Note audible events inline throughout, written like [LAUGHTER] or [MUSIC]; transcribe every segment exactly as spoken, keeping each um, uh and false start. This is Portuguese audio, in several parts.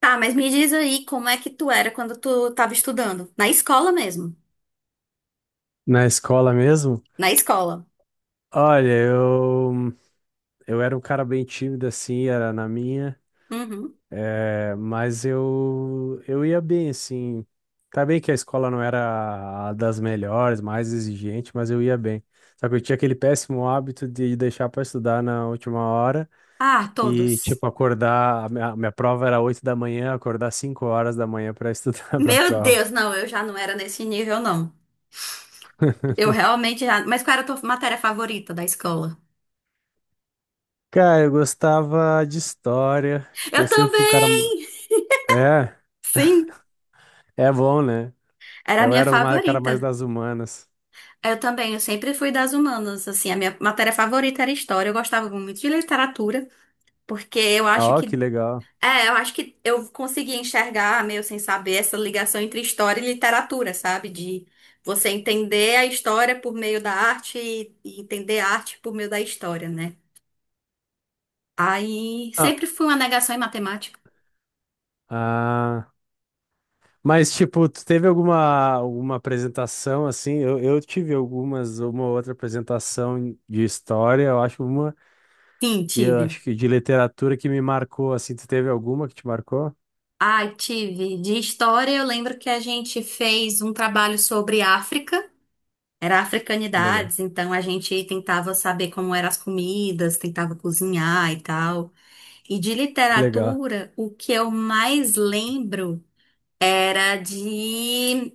Tá, mas me diz aí como é que tu era quando tu tava estudando? Na escola mesmo. Na escola mesmo? Na escola. Olha, eu, eu era um cara bem tímido assim, era na minha, Uhum. é, mas eu, eu ia bem assim. Tá bem que a escola não era a das melhores, mais exigente, mas eu ia bem. Só que eu tinha aquele péssimo hábito de deixar pra estudar na última hora Ah, e, todos. tipo, acordar. A minha, a minha prova era oito da manhã, acordar cinco horas da manhã pra estudar [LAUGHS] pra Meu prova. Deus, não, eu já não era nesse nível, não. Eu realmente já. Mas qual era a tua matéria favorita da escola? Cara, eu gostava de história, Eu eu sempre fui um cara. também! É, Sim, é bom, né? era a Eu minha era o ma- cara mais favorita. das humanas. Eu também, eu sempre fui das humanas, assim, a minha matéria favorita era história. Eu gostava muito de literatura, porque eu acho Ó, que que legal. é, eu acho que eu consegui enxergar, meio sem saber, essa ligação entre história e literatura, sabe? De você entender a história por meio da arte e e entender a arte por meio da história, né? Aí Ah, sempre fui uma negação em matemática. ah, mas, tipo, tu teve alguma, alguma apresentação, assim? Eu, eu tive algumas, uma ou outra apresentação de história, eu acho uma, Sim, e eu tive. acho que de literatura que me marcou, assim. Tu teve alguma que te marcou? Ai, tive. De história, eu lembro que a gente fez um trabalho sobre África. Era Que legal. africanidades, então a gente tentava saber como eram as comidas, tentava cozinhar e tal. E de Que legal. literatura, o que eu mais lembro era de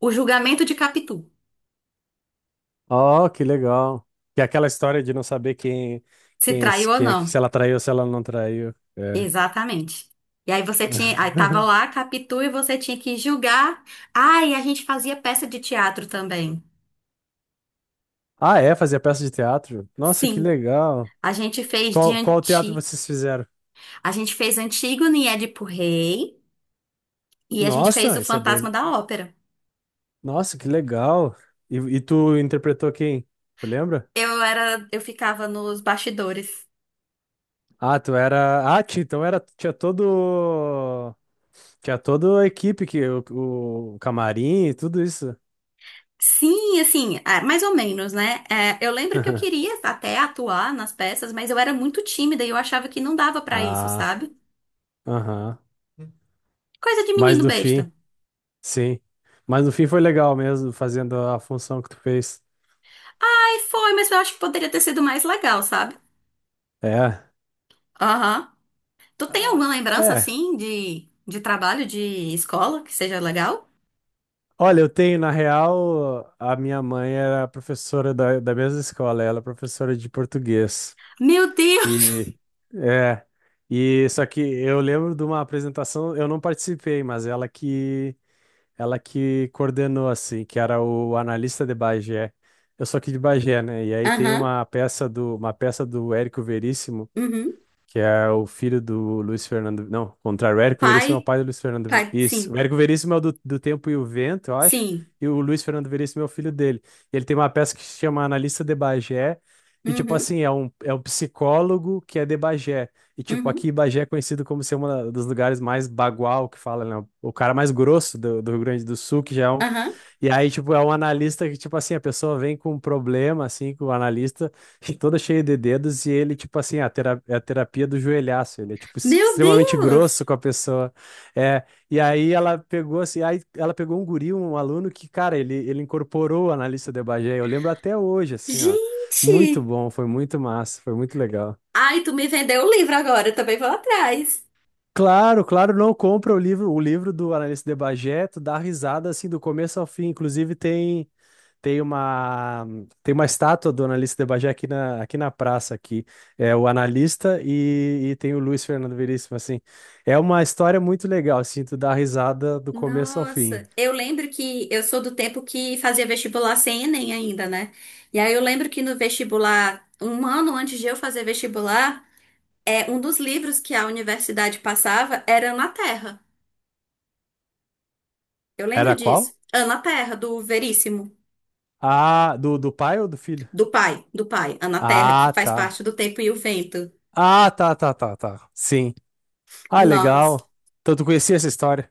O Julgamento de Capitu, Ó, que legal. Que é aquela história de não saber quem, se quem, traiu ou quem, é não. que- se ela traiu ou se ela não traiu. É. Exatamente. E aí você tinha, aí tava [LAUGHS] lá Capitu e você tinha que julgar. Ah, e a gente fazia peça de teatro também. Ah, é? Fazia peça de teatro? Nossa, que Sim, legal. a gente fez de Qual, qual teatro anti, vocês fizeram? a gente fez Antígone e Édipo Rei e a gente fez Nossa, o isso é bem. Fantasma da Ópera. Nossa, que legal. E, e tu interpretou quem? Tu lembra? Eu era, eu ficava nos bastidores. Ah, tu era. Ah, ti- então era. Tinha todo. Tinha toda a equipe, que, o, o camarim e tudo isso. Sim, assim, ah, mais ou menos, né? É, eu lembro que eu [LAUGHS] queria até atuar nas peças, mas eu era muito tímida e eu achava que não dava pra isso, Ah, sabe? aham. Coisa de Mas menino no besta. fim, sim. Mas no fim foi legal mesmo, fazendo a função que tu fez. Aí foi, mas eu acho que poderia ter sido mais legal, sabe? É. Aham. Tu tem Ah, alguma lembrança, é. assim, de, de trabalho, de escola, que seja legal? Olha, eu tenho, na real, a minha mãe era professora da, da mesma escola, ela é professora de português. Meu Deus! E é, e só que eu lembro de uma apresentação, eu não participei, mas ela que ela que coordenou assim, que era o Analista de Bagé. Eu sou aqui de Bagé, né? E aí tem Aham, uma peça do uma peça do Érico Veríssimo uhum. que é o filho do Luiz Fernando. Não, contrário, o O Érico Veríssimo é o Pai, pai do Luiz Fernando. Ve- pai, Isso, sim, o Érico Veríssimo é o do, do Tempo e o Vento, eu acho, sim. e o Luiz Fernando Veríssimo é o filho dele. E ele tem uma peça que se chama Analista de Bagé, e tipo Uhum, assim, é um, é um psicólogo que é de Bagé. E tipo, uhum, aqui Bagé é conhecido como ser um dos lugares mais bagual que fala, né? O cara mais grosso do, do Rio Grande do Sul, que já é um, aham. e aí, tipo, é um analista que, tipo assim, a pessoa vem com um problema, assim, com o analista, [LAUGHS] toda cheia de dedos, e ele, tipo assim, a tera- é a terapia do joelhaço, ele é, tipo, Meu extremamente grosso Deus! com a pessoa. É, e aí ela pegou, assim, aí ela pegou um guri, um aluno que, cara, ele, ele incorporou o analista de Bagé, eu lembro até hoje, assim, ó. Muito Gente! bom, foi muito massa, foi muito legal. Ai, tu me vendeu o livro agora, eu também vou atrás. Claro, claro, não compra o livro, o livro do analista de Bagé, tu dá risada assim do começo ao fim. Inclusive tem Tem uma, tem uma estátua do analista de Bagé aqui na, aqui na praça, aqui. É o analista e, e tem o Luiz Fernando Veríssimo, assim. É uma história muito legal, assim, tu dá risada do começo ao Nossa, fim. eu lembro que eu sou do tempo que fazia vestibular sem Enem ainda, né? E aí eu lembro que no vestibular, um ano antes de eu fazer vestibular, é um dos livros que a universidade passava era Ana Terra. Eu lembro Era qual? disso. Ana Terra, do Veríssimo, Ah, do, do pai ou do filho? do pai, do pai, Ana Terra, que Ah, faz tá. parte do Tempo e o Vento. Ah, tá, tá, tá, tá. Sim. Ah, Nossa. legal. Então tu conhecia essa história?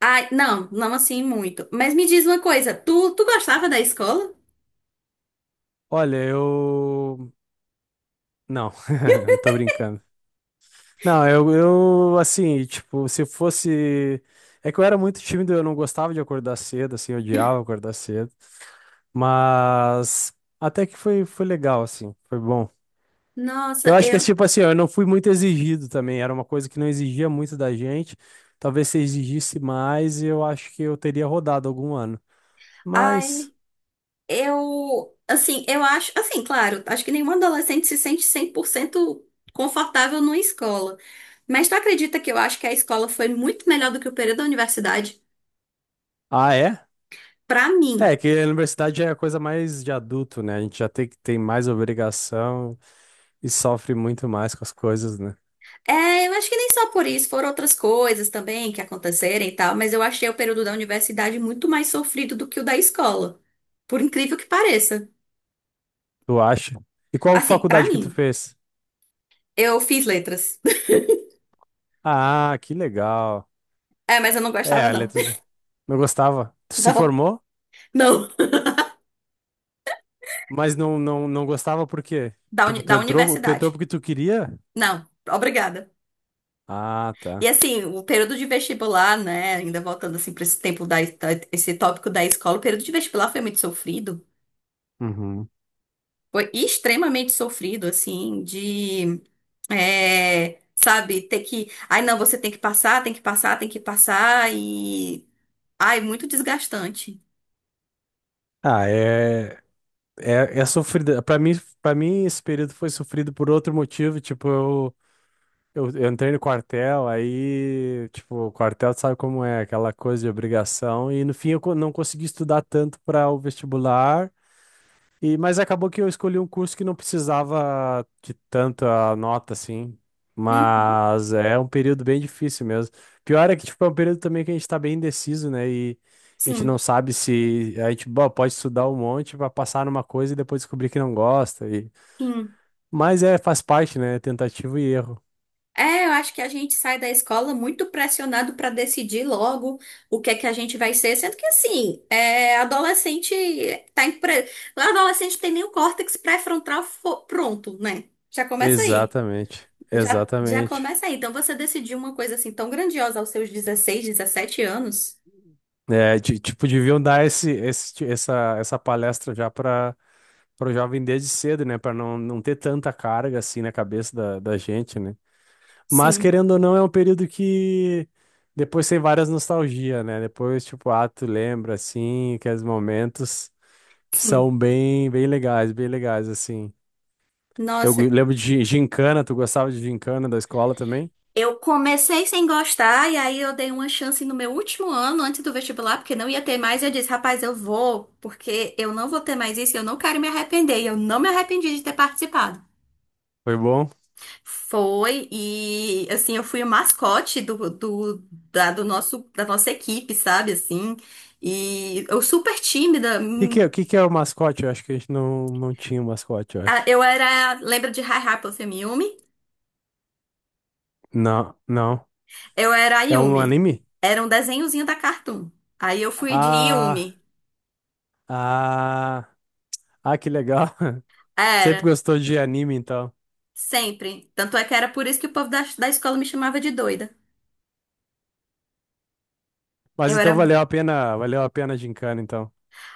Ai, não, não assim muito. Mas me diz uma coisa, tu, tu gostava da escola? Olha, eu... Não, [LAUGHS] não tô brincando. Não, eu, eu, assim, tipo, se fosse. É que eu era muito tímido, eu não gostava de acordar cedo, assim, eu odiava acordar cedo. Mas até que foi, foi legal, assim, foi bom. Eu Nossa, acho que é eu tipo assim, ó, eu não fui muito exigido também, era uma coisa que não exigia muito da gente. Talvez se exigisse mais, eu acho que eu teria rodado algum ano. Mas. Ai, eu, assim, eu acho, assim, claro, acho que nenhum adolescente se sente cem por cento confortável numa escola. Mas tu acredita que eu acho que a escola foi muito melhor do que o período da universidade? Ah, é? Pra mim. É, que a universidade é a coisa mais de adulto, né? A gente já tem que tem mais obrigação e sofre muito mais com as coisas, né? É, eu acho que nem só por isso, foram outras coisas também que aconteceram e tal, mas eu achei o período da universidade muito mais sofrido do que o da escola. Por incrível que pareça. Tu acha? E qual Assim, pra faculdade que tu mim, fez? eu fiz letras. [LAUGHS] Ah, que legal. É, mas eu não gostava, É, não. letras. Não gostava. [LAUGHS] Tu se Não, formou, não. mas não, não, não gostava por quê? Da, uni- Tipo, tu da entrou, tu entrou universidade. porque tu queria? Não, obrigada. Ah, E tá. assim, o período de vestibular, né? Ainda voltando assim para esse tempo da, da- esse tópico da escola, o período de vestibular foi muito sofrido. Uhum. Foi extremamente sofrido, assim, de, é, sabe, ter que, ai não, você tem que passar, tem que passar, tem que passar e, ai, muito desgastante. Ah, é, é, é sofrido. Pra mim, para mim, esse período foi sofrido por outro motivo. Tipo, eu, eu, eu entrei no quartel, aí, tipo, o quartel tu sabe como é, aquela coisa de obrigação. E no fim, eu co- não consegui estudar tanto para o vestibular. E, mas acabou que eu escolhi um curso que não precisava de tanta nota, assim. Uhum. Mas é um período bem difícil mesmo. Pior é que, tipo, é um período também que a gente tá bem indeciso, né? E a gente não Sim, sabe se... A gente, bom, pode estudar um monte pra passar numa coisa e depois descobrir que não gosta. E... sim. Mas é, faz parte, né? É tentativa e erro. É, eu acho que a gente sai da escola muito pressionado para decidir logo o que é que a gente vai ser, sendo que assim, é, adolescente tá em pré... adolescente tem nem o córtex pré-frontal fo- pronto, né? Já começa aí. Exatamente. Já, já Exatamente. começa aí. Então você decidiu uma coisa assim tão grandiosa aos seus dezesseis, dezessete anos? É, ti- tipo, deviam dar esse, esse, essa, essa palestra já para o jovem desde cedo, né? Para não, não ter tanta carga assim na cabeça da, da gente, né? Mas Sim, querendo ou não, é um período que depois tem várias nostalgias, né? Depois, tipo, ah, tu lembra assim, aqueles momentos que sim. são bem, bem legais, bem legais, assim. Eu Nossa. gu- lembro de gincana, tu gostava de gincana da escola também? Eu comecei sem gostar e aí eu dei uma chance no meu último ano antes do vestibular, porque não ia ter mais. E eu disse, rapaz, eu vou, porque eu não vou ter mais isso, e eu não quero me arrepender. E eu não me arrependi de ter participado. Foi bom? O Foi e assim, eu fui o mascote do, do, da, do nosso, da nossa equipe, sabe? Assim, e eu super tímida. que que é, hum, o que que é o mascote? Eu acho que a gente não, não tinha um mascote, eu a- acho. Eu era, lembra de Hi Hi Puffin Yumi? Não, não. Eu era a É um Yumi. anime? Era um desenhozinho da Cartoon. Aí eu fui de Ah, Yumi. ah, ah, que legal. [LAUGHS] Sempre Era. gostou de anime, então. Sempre. Tanto é que era por isso que o povo da, da escola me chamava de doida. Mas Eu era. então um, valeu a pena, valeu a pena a gincana, então.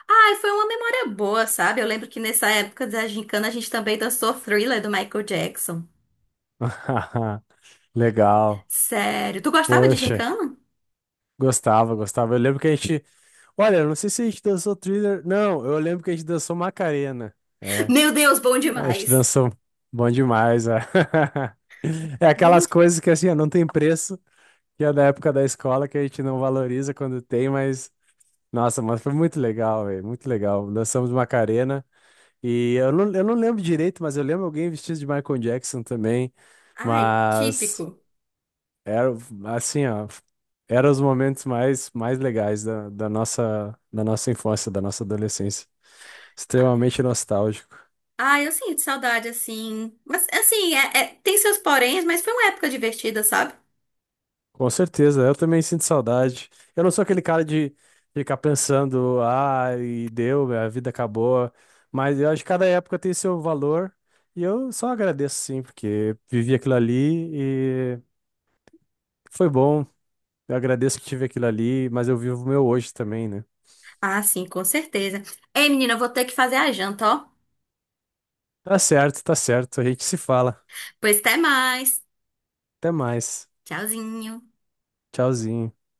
Ai, foi uma memória boa, sabe? Eu lembro que nessa época da gincana a gente também dançou Thriller do Michael Jackson. [LAUGHS] Legal. Sério. Tu gostava de Poxa, gincana? gostava, gostava. Eu lembro que a gente, olha, eu não sei se a gente dançou Thriller. Não, eu lembro que a gente dançou Macarena. É, Meu Deus, bom a gente demais. dançou bom demais. É, [LAUGHS] é Bom. aquelas de- coisas que assim, ó, não tem preço, que é da época da escola que a gente não valoriza quando tem, mas Nossa, mas foi muito legal, velho. Muito legal. Dançamos Macarena. E eu não, eu não lembro direito, mas eu lembro alguém vestido de Michael Jackson também. Ai, típico. Mas era assim, ó. Eram os momentos mais, mais legais da, da nossa, da nossa infância, da nossa adolescência. Extremamente nostálgico. Ai, eu sinto saudade assim. Mas assim, é- é- tem seus poréns, mas foi uma época divertida, sabe? Com certeza, eu também sinto saudade. Eu não sou aquele cara de ficar pensando, ah, e deu, a vida acabou. Mas eu acho que cada época tem seu valor e eu só agradeço sim, porque vivi aquilo ali e foi bom. Eu agradeço que tive aquilo ali, mas eu vivo o meu hoje também, né? Ah, sim, com certeza. Ei, menina, eu vou ter que fazer a janta, ó. Tá certo, tá certo. A gente se fala. Pois até mais. Até mais. Tchauzinho. Tchauzinho.